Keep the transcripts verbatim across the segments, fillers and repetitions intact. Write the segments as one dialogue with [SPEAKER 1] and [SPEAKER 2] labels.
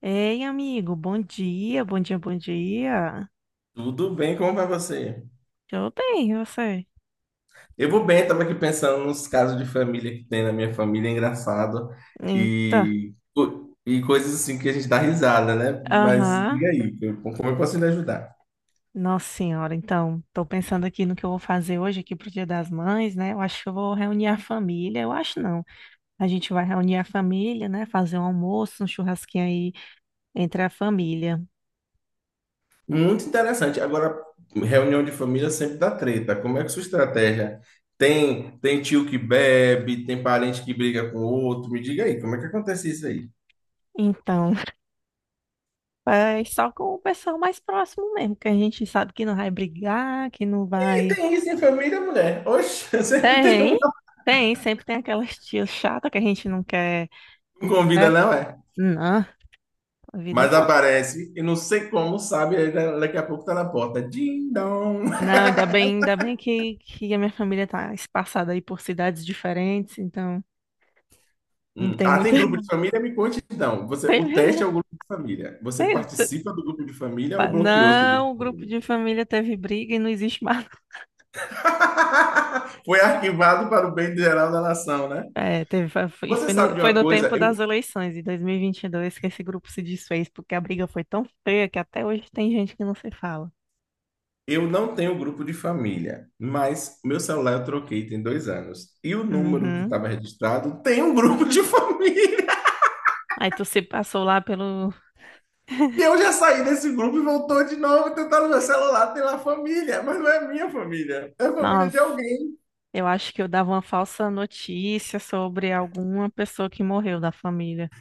[SPEAKER 1] Ei, amigo, bom dia, bom dia, bom dia.
[SPEAKER 2] Tudo bem, como vai você?
[SPEAKER 1] Tudo bem, e você?
[SPEAKER 2] Eu vou bem, estava aqui pensando nos casos de família que tem na minha família, é engraçado,
[SPEAKER 1] Então,
[SPEAKER 2] e, co- e coisas assim que a gente dá risada, né? Mas
[SPEAKER 1] aham.
[SPEAKER 2] diga aí, eu- como eu posso lhe ajudar?
[SPEAKER 1] Nossa senhora, então, tô pensando aqui no que eu vou fazer hoje aqui pro Dia das Mães, né? Eu acho que eu vou reunir a família, eu acho não. A gente vai reunir a família, né? Fazer um almoço, um churrasquinho aí entre a família.
[SPEAKER 2] Muito interessante. Agora, reunião de família sempre dá treta. Como é que é sua estratégia? Tem, tem tio que bebe, tem parente que briga com outro. Me diga aí, como é que acontece isso aí?
[SPEAKER 1] Então, é só com o pessoal mais próximo mesmo, que a gente sabe que não vai brigar, que não
[SPEAKER 2] E
[SPEAKER 1] vai...
[SPEAKER 2] tem isso em família, mulher? Oxe, sempre tem
[SPEAKER 1] Tem,
[SPEAKER 2] um.
[SPEAKER 1] tem, sempre tem aquelas tias chatas que a gente não quer...
[SPEAKER 2] Não
[SPEAKER 1] por
[SPEAKER 2] convida,
[SPEAKER 1] perto.
[SPEAKER 2] não é?
[SPEAKER 1] Não, a vida
[SPEAKER 2] Mas
[SPEAKER 1] não.
[SPEAKER 2] aparece, e não sei como, sabe? aí da- Daqui a pouco tá na porta. Ding dong.
[SPEAKER 1] Não, ainda bem, ainda bem que, que a minha família tá espaçada aí por cidades diferentes, então não
[SPEAKER 2] Hum.
[SPEAKER 1] tem
[SPEAKER 2] Ah,
[SPEAKER 1] muita.
[SPEAKER 2] tem grupo de família? Me conte então. Você,
[SPEAKER 1] teve,
[SPEAKER 2] o
[SPEAKER 1] né?
[SPEAKER 2] teste é o grupo de família. Você
[SPEAKER 1] Tem- t-
[SPEAKER 2] participa do grupo de família ou
[SPEAKER 1] pa-
[SPEAKER 2] bloqueou seu grupo
[SPEAKER 1] Não,
[SPEAKER 2] de
[SPEAKER 1] o grupo
[SPEAKER 2] família?
[SPEAKER 1] de família teve briga e não existe mais.
[SPEAKER 2] Foi arquivado para o bem geral da nação, né?
[SPEAKER 1] É, teve, fa- foi- e
[SPEAKER 2] Você
[SPEAKER 1] foi no,
[SPEAKER 2] sabe de
[SPEAKER 1] foi
[SPEAKER 2] uma
[SPEAKER 1] no
[SPEAKER 2] coisa?
[SPEAKER 1] tempo
[SPEAKER 2] Eu,
[SPEAKER 1] das eleições, em dois mil e vinte e dois, que esse grupo se desfez, porque a briga foi tão feia que até hoje tem gente que não se fala.
[SPEAKER 2] eu não tenho grupo de família, mas meu celular eu troquei tem dois anos. E o número que
[SPEAKER 1] Uhum.
[SPEAKER 2] estava registrado tem um grupo de família.
[SPEAKER 1] Aí tu se passou lá pelo.
[SPEAKER 2] E eu já saí desse grupo e voltou de novo tentando meu celular, tem lá família, mas não é minha família, é a família
[SPEAKER 1] Nossa,
[SPEAKER 2] de alguém.
[SPEAKER 1] eu acho que eu dava uma falsa notícia sobre alguma pessoa que morreu da família.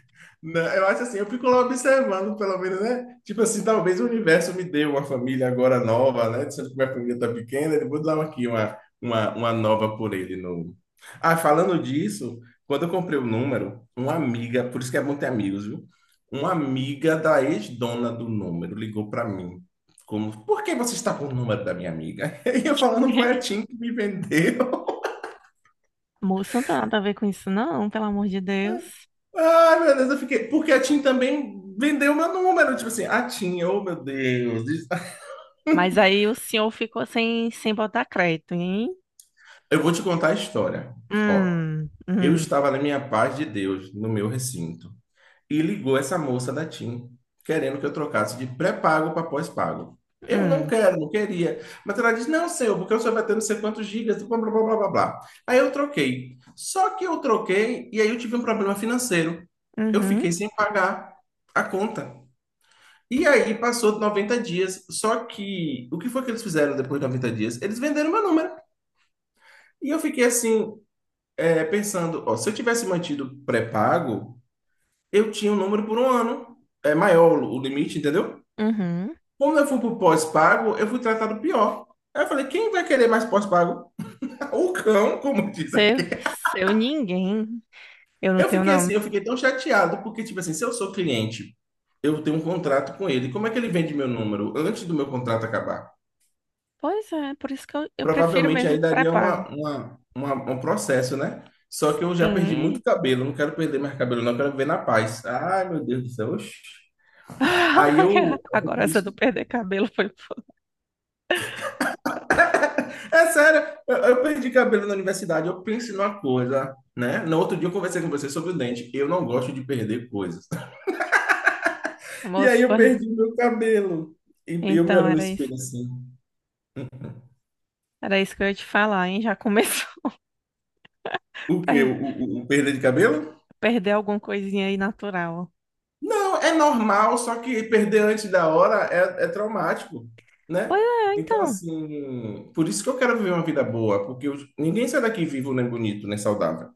[SPEAKER 2] Não, eu acho assim, eu fico lá observando, pelo menos, né? Tipo assim, talvez o universo me dê uma família agora nova, né? Sendo que minha família tá pequena, eu vou dar aqui uma, uma, uma nova por ele novo. Ah, falando disso, quando eu comprei o número, uma amiga, por isso que é bom ter amigos, viu? Uma amiga da ex-dona do número ligou para mim. Como, por que você está com o número da minha amiga? E eu falando, foi a Tim que me vendeu.
[SPEAKER 1] Moço, não tem nada a ver com isso, não, pelo amor de Deus.
[SPEAKER 2] Ai, meu Deus, eu fiquei. Porque a Tim também vendeu meu número. Tipo assim, a Tim, oh meu Deus.
[SPEAKER 1] Mas aí o senhor ficou sem, sem botar crédito, hein?
[SPEAKER 2] Eu vou te contar a história. Ó,
[SPEAKER 1] Hum,
[SPEAKER 2] eu
[SPEAKER 1] hum,
[SPEAKER 2] estava na minha paz de Deus, no meu recinto, e ligou essa moça da TIM, querendo que eu trocasse de pré-pago para pós-pago. Eu não
[SPEAKER 1] hum,
[SPEAKER 2] quero, não queria. Mas ela disse, não, seu, porque o senhor vai ter não sei quantos gigas, blá, blá, blá, blá, blá. blá. Aí eu troquei. Só que eu troquei e aí eu tive um problema financeiro. Eu
[SPEAKER 1] uhum,
[SPEAKER 2] fiquei sem pagar a conta. E aí passou noventa dias, só que o que foi que eles fizeram depois de noventa dias? Eles venderam meu número. E eu fiquei assim, é, pensando, ó, se eu tivesse mantido pré-pago, eu tinha um número por um ano. É maior o o limite, entendeu?
[SPEAKER 1] uhum.
[SPEAKER 2] Como eu fui pro pós-pago, eu fui tratado pior. Aí eu falei, quem vai querer mais pós-pago? O cão, como diz
[SPEAKER 1] Seu,
[SPEAKER 2] aqui.
[SPEAKER 1] seu ninguém. Eu não
[SPEAKER 2] Eu
[SPEAKER 1] tenho
[SPEAKER 2] fiquei assim, eu
[SPEAKER 1] nome.
[SPEAKER 2] fiquei tão chateado, porque, tipo assim, se eu sou cliente, eu tenho um contrato com ele, como é que ele vende meu número antes do meu contrato acabar?
[SPEAKER 1] Pois é, por isso que eu, eu prefiro
[SPEAKER 2] Provavelmente aí
[SPEAKER 1] mesmo
[SPEAKER 2] daria
[SPEAKER 1] pré-pago.
[SPEAKER 2] uma, uma, uma- um processo, né? Só que eu já perdi muito
[SPEAKER 1] Sim.
[SPEAKER 2] cabelo, não quero perder mais cabelo, não, quero viver na paz. Ai, meu Deus do céu, oxi. Aí eu.
[SPEAKER 1] Agora essa do perder cabelo foi. Foda.
[SPEAKER 2] É sério, eu, eu perdi cabelo na universidade, eu penso numa coisa, né? No outro dia eu conversei com você sobre o dente, eu não gosto de perder coisas. E
[SPEAKER 1] Moço,
[SPEAKER 2] aí
[SPEAKER 1] pô,
[SPEAKER 2] eu perdi meu cabelo. E eu me
[SPEAKER 1] então
[SPEAKER 2] olho no
[SPEAKER 1] era isso.
[SPEAKER 2] espelho assim.
[SPEAKER 1] Era isso que eu ia te falar, hein? Já começou
[SPEAKER 2] O
[SPEAKER 1] a
[SPEAKER 2] quê?
[SPEAKER 1] per-
[SPEAKER 2] O, o, o perda de cabelo?
[SPEAKER 1] perder alguma coisinha aí natural.
[SPEAKER 2] Não, é normal, só que perder antes da hora é, é traumático,
[SPEAKER 1] Pois
[SPEAKER 2] né?
[SPEAKER 1] é,
[SPEAKER 2] Então,
[SPEAKER 1] então.
[SPEAKER 2] assim, por isso que eu quero viver uma vida boa, porque eu- ninguém sai daqui vivo, nem bonito, nem saudável.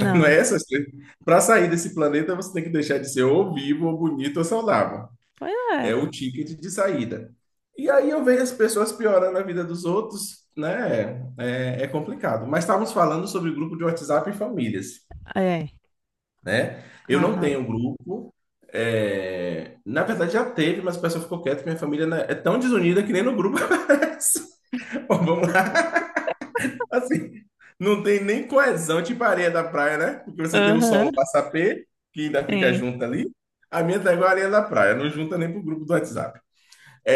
[SPEAKER 2] Não é
[SPEAKER 1] Não.
[SPEAKER 2] essas coisas. Para sair desse planeta, você tem que deixar de ser ou vivo, ou bonito, ou saudável.
[SPEAKER 1] Pois é.
[SPEAKER 2] É o ticket de saída. E aí eu vejo as pessoas piorando a vida dos outros, né? É, é complicado. Mas estávamos falando sobre grupo de WhatsApp e famílias
[SPEAKER 1] É.
[SPEAKER 2] né? Eu não
[SPEAKER 1] Aham.
[SPEAKER 2] tenho um grupo. é, Na verdade, já teve, mas o pessoal ficou quieto. Que Minha família né, é tão desunida que nem no grupo aparece. Ó, vamos lá. Assim, não tem nem coesão, tipo areia da praia, né? Porque você tem o
[SPEAKER 1] Aham,
[SPEAKER 2] solo massapê, que ainda fica
[SPEAKER 1] sim.
[SPEAKER 2] junto ali. A minha tá igual a areia da praia, não junta nem pro grupo do WhatsApp.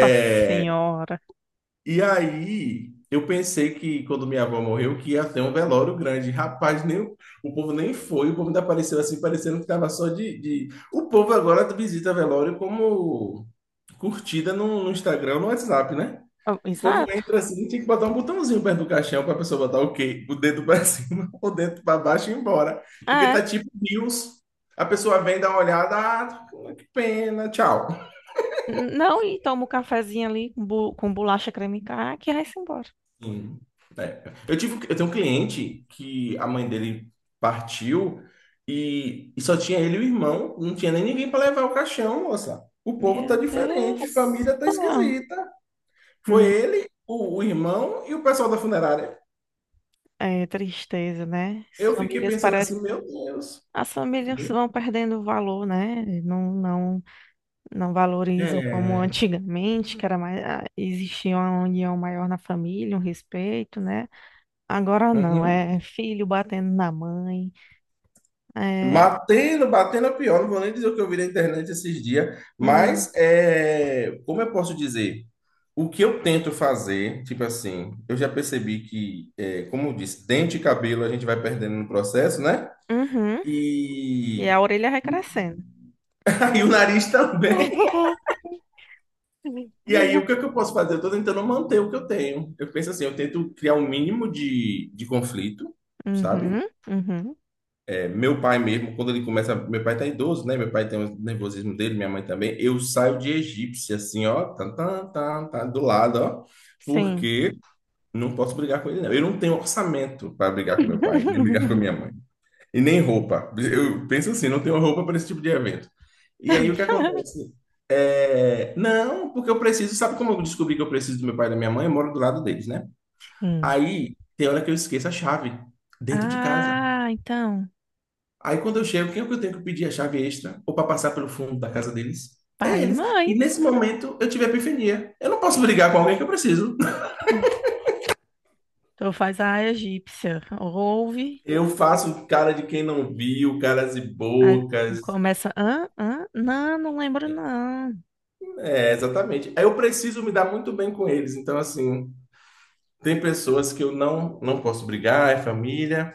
[SPEAKER 1] Nossa senhora.
[SPEAKER 2] e aí, eu pensei que quando minha avó morreu, que ia ter um velório grande. Rapaz, nem, o o povo nem foi, o povo ainda apareceu assim, parecendo que estava só de, de- O povo agora visita velório como curtida no, no Instagram, no WhatsApp, né?
[SPEAKER 1] Ah,
[SPEAKER 2] O povo
[SPEAKER 1] exato.
[SPEAKER 2] entra assim, tinha que botar um botãozinho perto do caixão para a pessoa botar o quê? O dedo para cima, o dedo para baixo e ir embora. Porque
[SPEAKER 1] É.
[SPEAKER 2] tá tipo news. A pessoa vem, dá uma olhada, ah, que pena, tchau.
[SPEAKER 1] N- Não, e toma um cafezinho ali com, bu- com bolacha creme crack e vai-se embora.
[SPEAKER 2] Sim. É. Eu tive, eu tenho um cliente que a mãe dele partiu e, e só tinha ele e o irmão, não tinha nem ninguém para levar o caixão, moça. O povo tá
[SPEAKER 1] Meu
[SPEAKER 2] diferente,
[SPEAKER 1] Deus.
[SPEAKER 2] família tá
[SPEAKER 1] Ah,
[SPEAKER 2] esquisita. Foi
[SPEAKER 1] hum,
[SPEAKER 2] ele, o, o irmão e o pessoal da funerária.
[SPEAKER 1] é tristeza, né? As
[SPEAKER 2] Eu fiquei
[SPEAKER 1] famílias
[SPEAKER 2] pensando
[SPEAKER 1] parecem.
[SPEAKER 2] assim, meu Deus.
[SPEAKER 1] As famílias vão perdendo o valor, né? Não, não, não valorizam como
[SPEAKER 2] É.
[SPEAKER 1] antigamente, que era mais, ah, existia uma união maior na família, um respeito, né? Agora não,
[SPEAKER 2] Uhum.
[SPEAKER 1] é filho batendo na mãe. É,
[SPEAKER 2] Batendo, batendo é pior, não vou nem dizer o que eu vi na internet esses dias,
[SPEAKER 1] hum,
[SPEAKER 2] mas é, como eu posso dizer? O que eu tento fazer, tipo assim, eu já percebi que, é, como eu disse, dente e cabelo a gente vai perdendo no processo, né?
[SPEAKER 1] uhum, e
[SPEAKER 2] E
[SPEAKER 1] a orelha vai crescendo.
[SPEAKER 2] aí o nariz também. E aí o que é que eu posso fazer? Eu tô tentando manter o que eu tenho. Eu penso assim, eu tento criar um mínimo de, de conflito, sabe?
[SPEAKER 1] Uhum, uhum,
[SPEAKER 2] Meu pai mesmo, quando ele começa, meu pai tá idoso, né? Meu pai tem o nervosismo dele, minha mãe também. Eu saio de egípcia, assim, ó, tá, tá, tá, tá, do lado, ó,
[SPEAKER 1] sim.
[SPEAKER 2] porque não posso brigar com ele, não. Eu não tenho orçamento para brigar com meu pai, nem brigar com minha mãe, e nem roupa. Eu penso assim, não tenho roupa para esse tipo de evento. E aí o que acontece? É, não, porque eu preciso, sabe como eu descobri que eu preciso do meu pai e da minha mãe? Eu moro do lado deles, né?
[SPEAKER 1] Hum.
[SPEAKER 2] Aí tem hora que eu esqueço a chave dentro de casa.
[SPEAKER 1] Ah, então,
[SPEAKER 2] Aí quando eu chego, quem é que eu tenho que pedir a chave extra? Ou para passar pelo fundo da casa deles? É
[SPEAKER 1] pai e
[SPEAKER 2] eles.
[SPEAKER 1] mãe.
[SPEAKER 2] E nesse momento eu tive a epifania. Eu não posso brigar com alguém que eu preciso.
[SPEAKER 1] Então faz a egípcia. Ouve,
[SPEAKER 2] Eu faço cara de quem não viu, caras e
[SPEAKER 1] aí
[SPEAKER 2] bocas.
[SPEAKER 1] começa. Ah, ah, não, não lembro, não.
[SPEAKER 2] É, exatamente. Aí eu preciso me dar muito bem com eles. Então, assim, tem pessoas que eu não, não posso brigar, é família.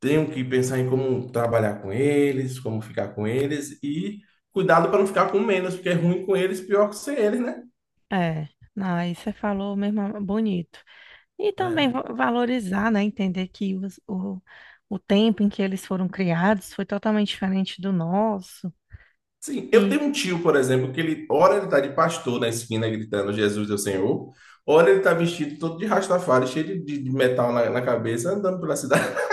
[SPEAKER 2] Tenho que pensar em como trabalhar com eles, como ficar com eles. E cuidado para não ficar com menos, porque é ruim com eles, pior que sem eles, né?
[SPEAKER 1] É, não, aí você falou mesmo bonito. E também
[SPEAKER 2] É.
[SPEAKER 1] va- valorizar, né? Entender que os- o, o tempo em que eles foram criados foi totalmente diferente do nosso.
[SPEAKER 2] Sim, eu
[SPEAKER 1] E
[SPEAKER 2] tenho um tio, por exemplo, que ele, ora ele tá de pastor na esquina gritando Jesus é o Senhor, ora ele tá vestido todo de Rastafari, cheio de, de- de metal na, na cabeça, andando pela cidade.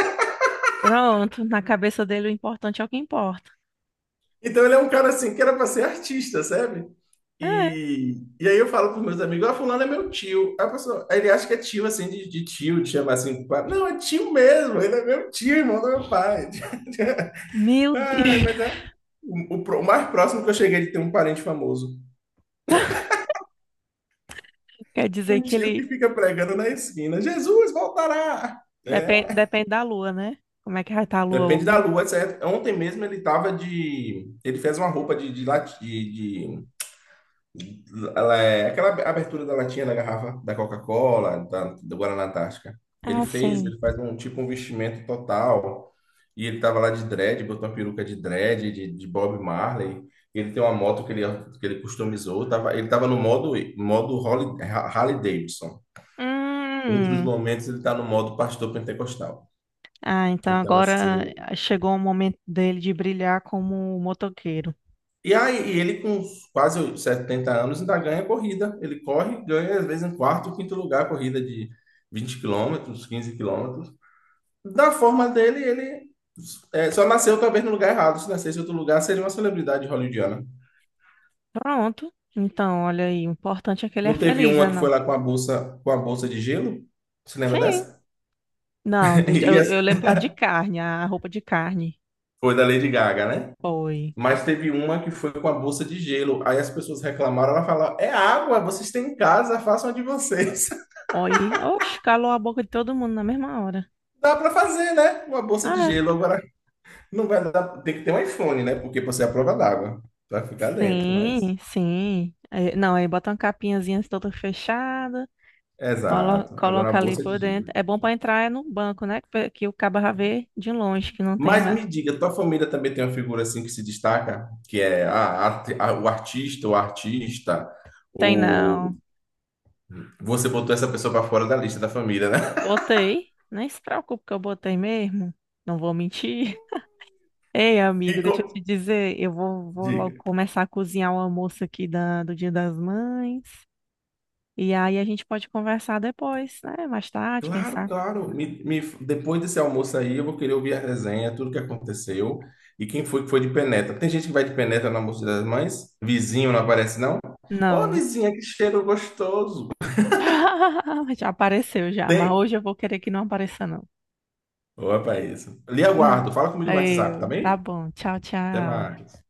[SPEAKER 1] pronto, na cabeça dele o importante é o que importa.
[SPEAKER 2] Então ele é um cara assim que era para ser artista, sabe?
[SPEAKER 1] É,
[SPEAKER 2] E, e aí eu falo pros meus amigos, ah, fulano é meu tio. Aí a pessoa, aí ele acha que é tio assim, de, de tio, de chamar assim, pá. Não, é tio mesmo, ele é meu tio, irmão do meu pai.
[SPEAKER 1] meu
[SPEAKER 2] Ai,
[SPEAKER 1] Deus.
[SPEAKER 2] mas é o, o pro- o mais próximo que eu cheguei de ter um parente famoso.
[SPEAKER 1] Quer dizer
[SPEAKER 2] Um
[SPEAKER 1] que
[SPEAKER 2] tio que
[SPEAKER 1] ele
[SPEAKER 2] fica pregando na esquina: Jesus voltará!
[SPEAKER 1] depende,
[SPEAKER 2] É,
[SPEAKER 1] depende da lua, né? Como é que vai estar a lua
[SPEAKER 2] depende da
[SPEAKER 1] hoje?
[SPEAKER 2] lua, certo? Ontem mesmo ele tava de. Ele fez uma roupa de, de, lati- de, de- ela é- aquela abertura da latinha da garrafa da Coca-Cola, da, do Guaraná Antártica. Ele
[SPEAKER 1] Ah,
[SPEAKER 2] fez,
[SPEAKER 1] sim.
[SPEAKER 2] ele faz um tipo um vestimento total. E ele tava lá de dread, botou uma peruca de dread, de, de Bob Marley. Ele tem uma moto que ele, que ele customizou. Tava, ele tava no modo, modo Harley, Harley Davidson. Outros
[SPEAKER 1] Hum.
[SPEAKER 2] momentos ele está no modo pastor pentecostal.
[SPEAKER 1] Ah, então
[SPEAKER 2] Então,
[SPEAKER 1] agora
[SPEAKER 2] assim.
[SPEAKER 1] chegou o momento dele de brilhar como motoqueiro.
[SPEAKER 2] E aí, e ele com quase setenta anos ainda ganha corrida. Ele corre, ganha às vezes em quarto, ou quinto lugar, corrida de vinte quilômetros, quinze quilômetros. Da forma dele, ele é, só nasceu talvez no lugar errado. Se nascesse em outro lugar, seria uma celebridade hollywoodiana.
[SPEAKER 1] Pronto. Então, olha aí, o importante é que ele é
[SPEAKER 2] Não teve
[SPEAKER 1] feliz,
[SPEAKER 2] uma
[SPEAKER 1] né,
[SPEAKER 2] que
[SPEAKER 1] não?
[SPEAKER 2] foi lá com a bolsa, com a bolsa de gelo? Você lembra
[SPEAKER 1] Sim.
[SPEAKER 2] dessa?
[SPEAKER 1] Não, do-
[SPEAKER 2] E
[SPEAKER 1] eu,
[SPEAKER 2] essa
[SPEAKER 1] eu lembro da de carne, a roupa de carne.
[SPEAKER 2] foi da Lady Gaga, né?
[SPEAKER 1] Foi.
[SPEAKER 2] Mas teve uma que foi com a bolsa de gelo. Aí as pessoas reclamaram, ela falou: "É água, vocês têm em casa, façam a de vocês".
[SPEAKER 1] Oi. Oxe, calou a boca de todo mundo na mesma hora.
[SPEAKER 2] Dá para fazer, né? Uma bolsa de
[SPEAKER 1] Ah,
[SPEAKER 2] gelo agora não vai dar, tem que ter um iPhone, né? Porque você é a prova d'água para ficar dentro, mas
[SPEAKER 1] sim, sim. É, não, aí bota uma capinhazinha assim, toda fechada, colo-
[SPEAKER 2] exato. Agora a
[SPEAKER 1] coloca ali
[SPEAKER 2] bolsa de
[SPEAKER 1] por dentro.
[SPEAKER 2] gelo.
[SPEAKER 1] É bom pra entrar é no banco, né? Que, pe- que o cabo já vê de longe, que não tem
[SPEAKER 2] Mas
[SPEAKER 1] lá.
[SPEAKER 2] me diga, tua família também tem uma figura assim que se destaca, que é a- a- a- o artista, o artista,
[SPEAKER 1] Tem não.
[SPEAKER 2] ou você botou essa pessoa para fora da lista da família, né?
[SPEAKER 1] Botei. Nem se preocupe que eu botei mesmo. Não vou mentir. Ei, amigo,
[SPEAKER 2] E
[SPEAKER 1] deixa eu te
[SPEAKER 2] co-
[SPEAKER 1] dizer, eu vou, vou logo
[SPEAKER 2] Diga.
[SPEAKER 1] começar a cozinhar o almoço aqui da, do Dia das Mães. E aí a gente pode conversar depois, né? Mais tarde, quem
[SPEAKER 2] Claro,
[SPEAKER 1] sabe?
[SPEAKER 2] claro. Me- me- depois desse almoço aí, eu vou querer ouvir a resenha, tudo que aconteceu e quem foi que foi de penetra. Tem gente que vai de penetra no almoço das mães? Vizinho não aparece, não? Ô,
[SPEAKER 1] Não.
[SPEAKER 2] vizinha, que cheiro gostoso!
[SPEAKER 1] Já apareceu já, mas
[SPEAKER 2] Tem!
[SPEAKER 1] hoje eu vou querer que não apareça, não.
[SPEAKER 2] Opa, é isso. Lhe aguardo. Fala comigo no WhatsApp, tá
[SPEAKER 1] Eu, tá
[SPEAKER 2] bem?
[SPEAKER 1] bom. Tchau,
[SPEAKER 2] Até
[SPEAKER 1] tchau.
[SPEAKER 2] mais.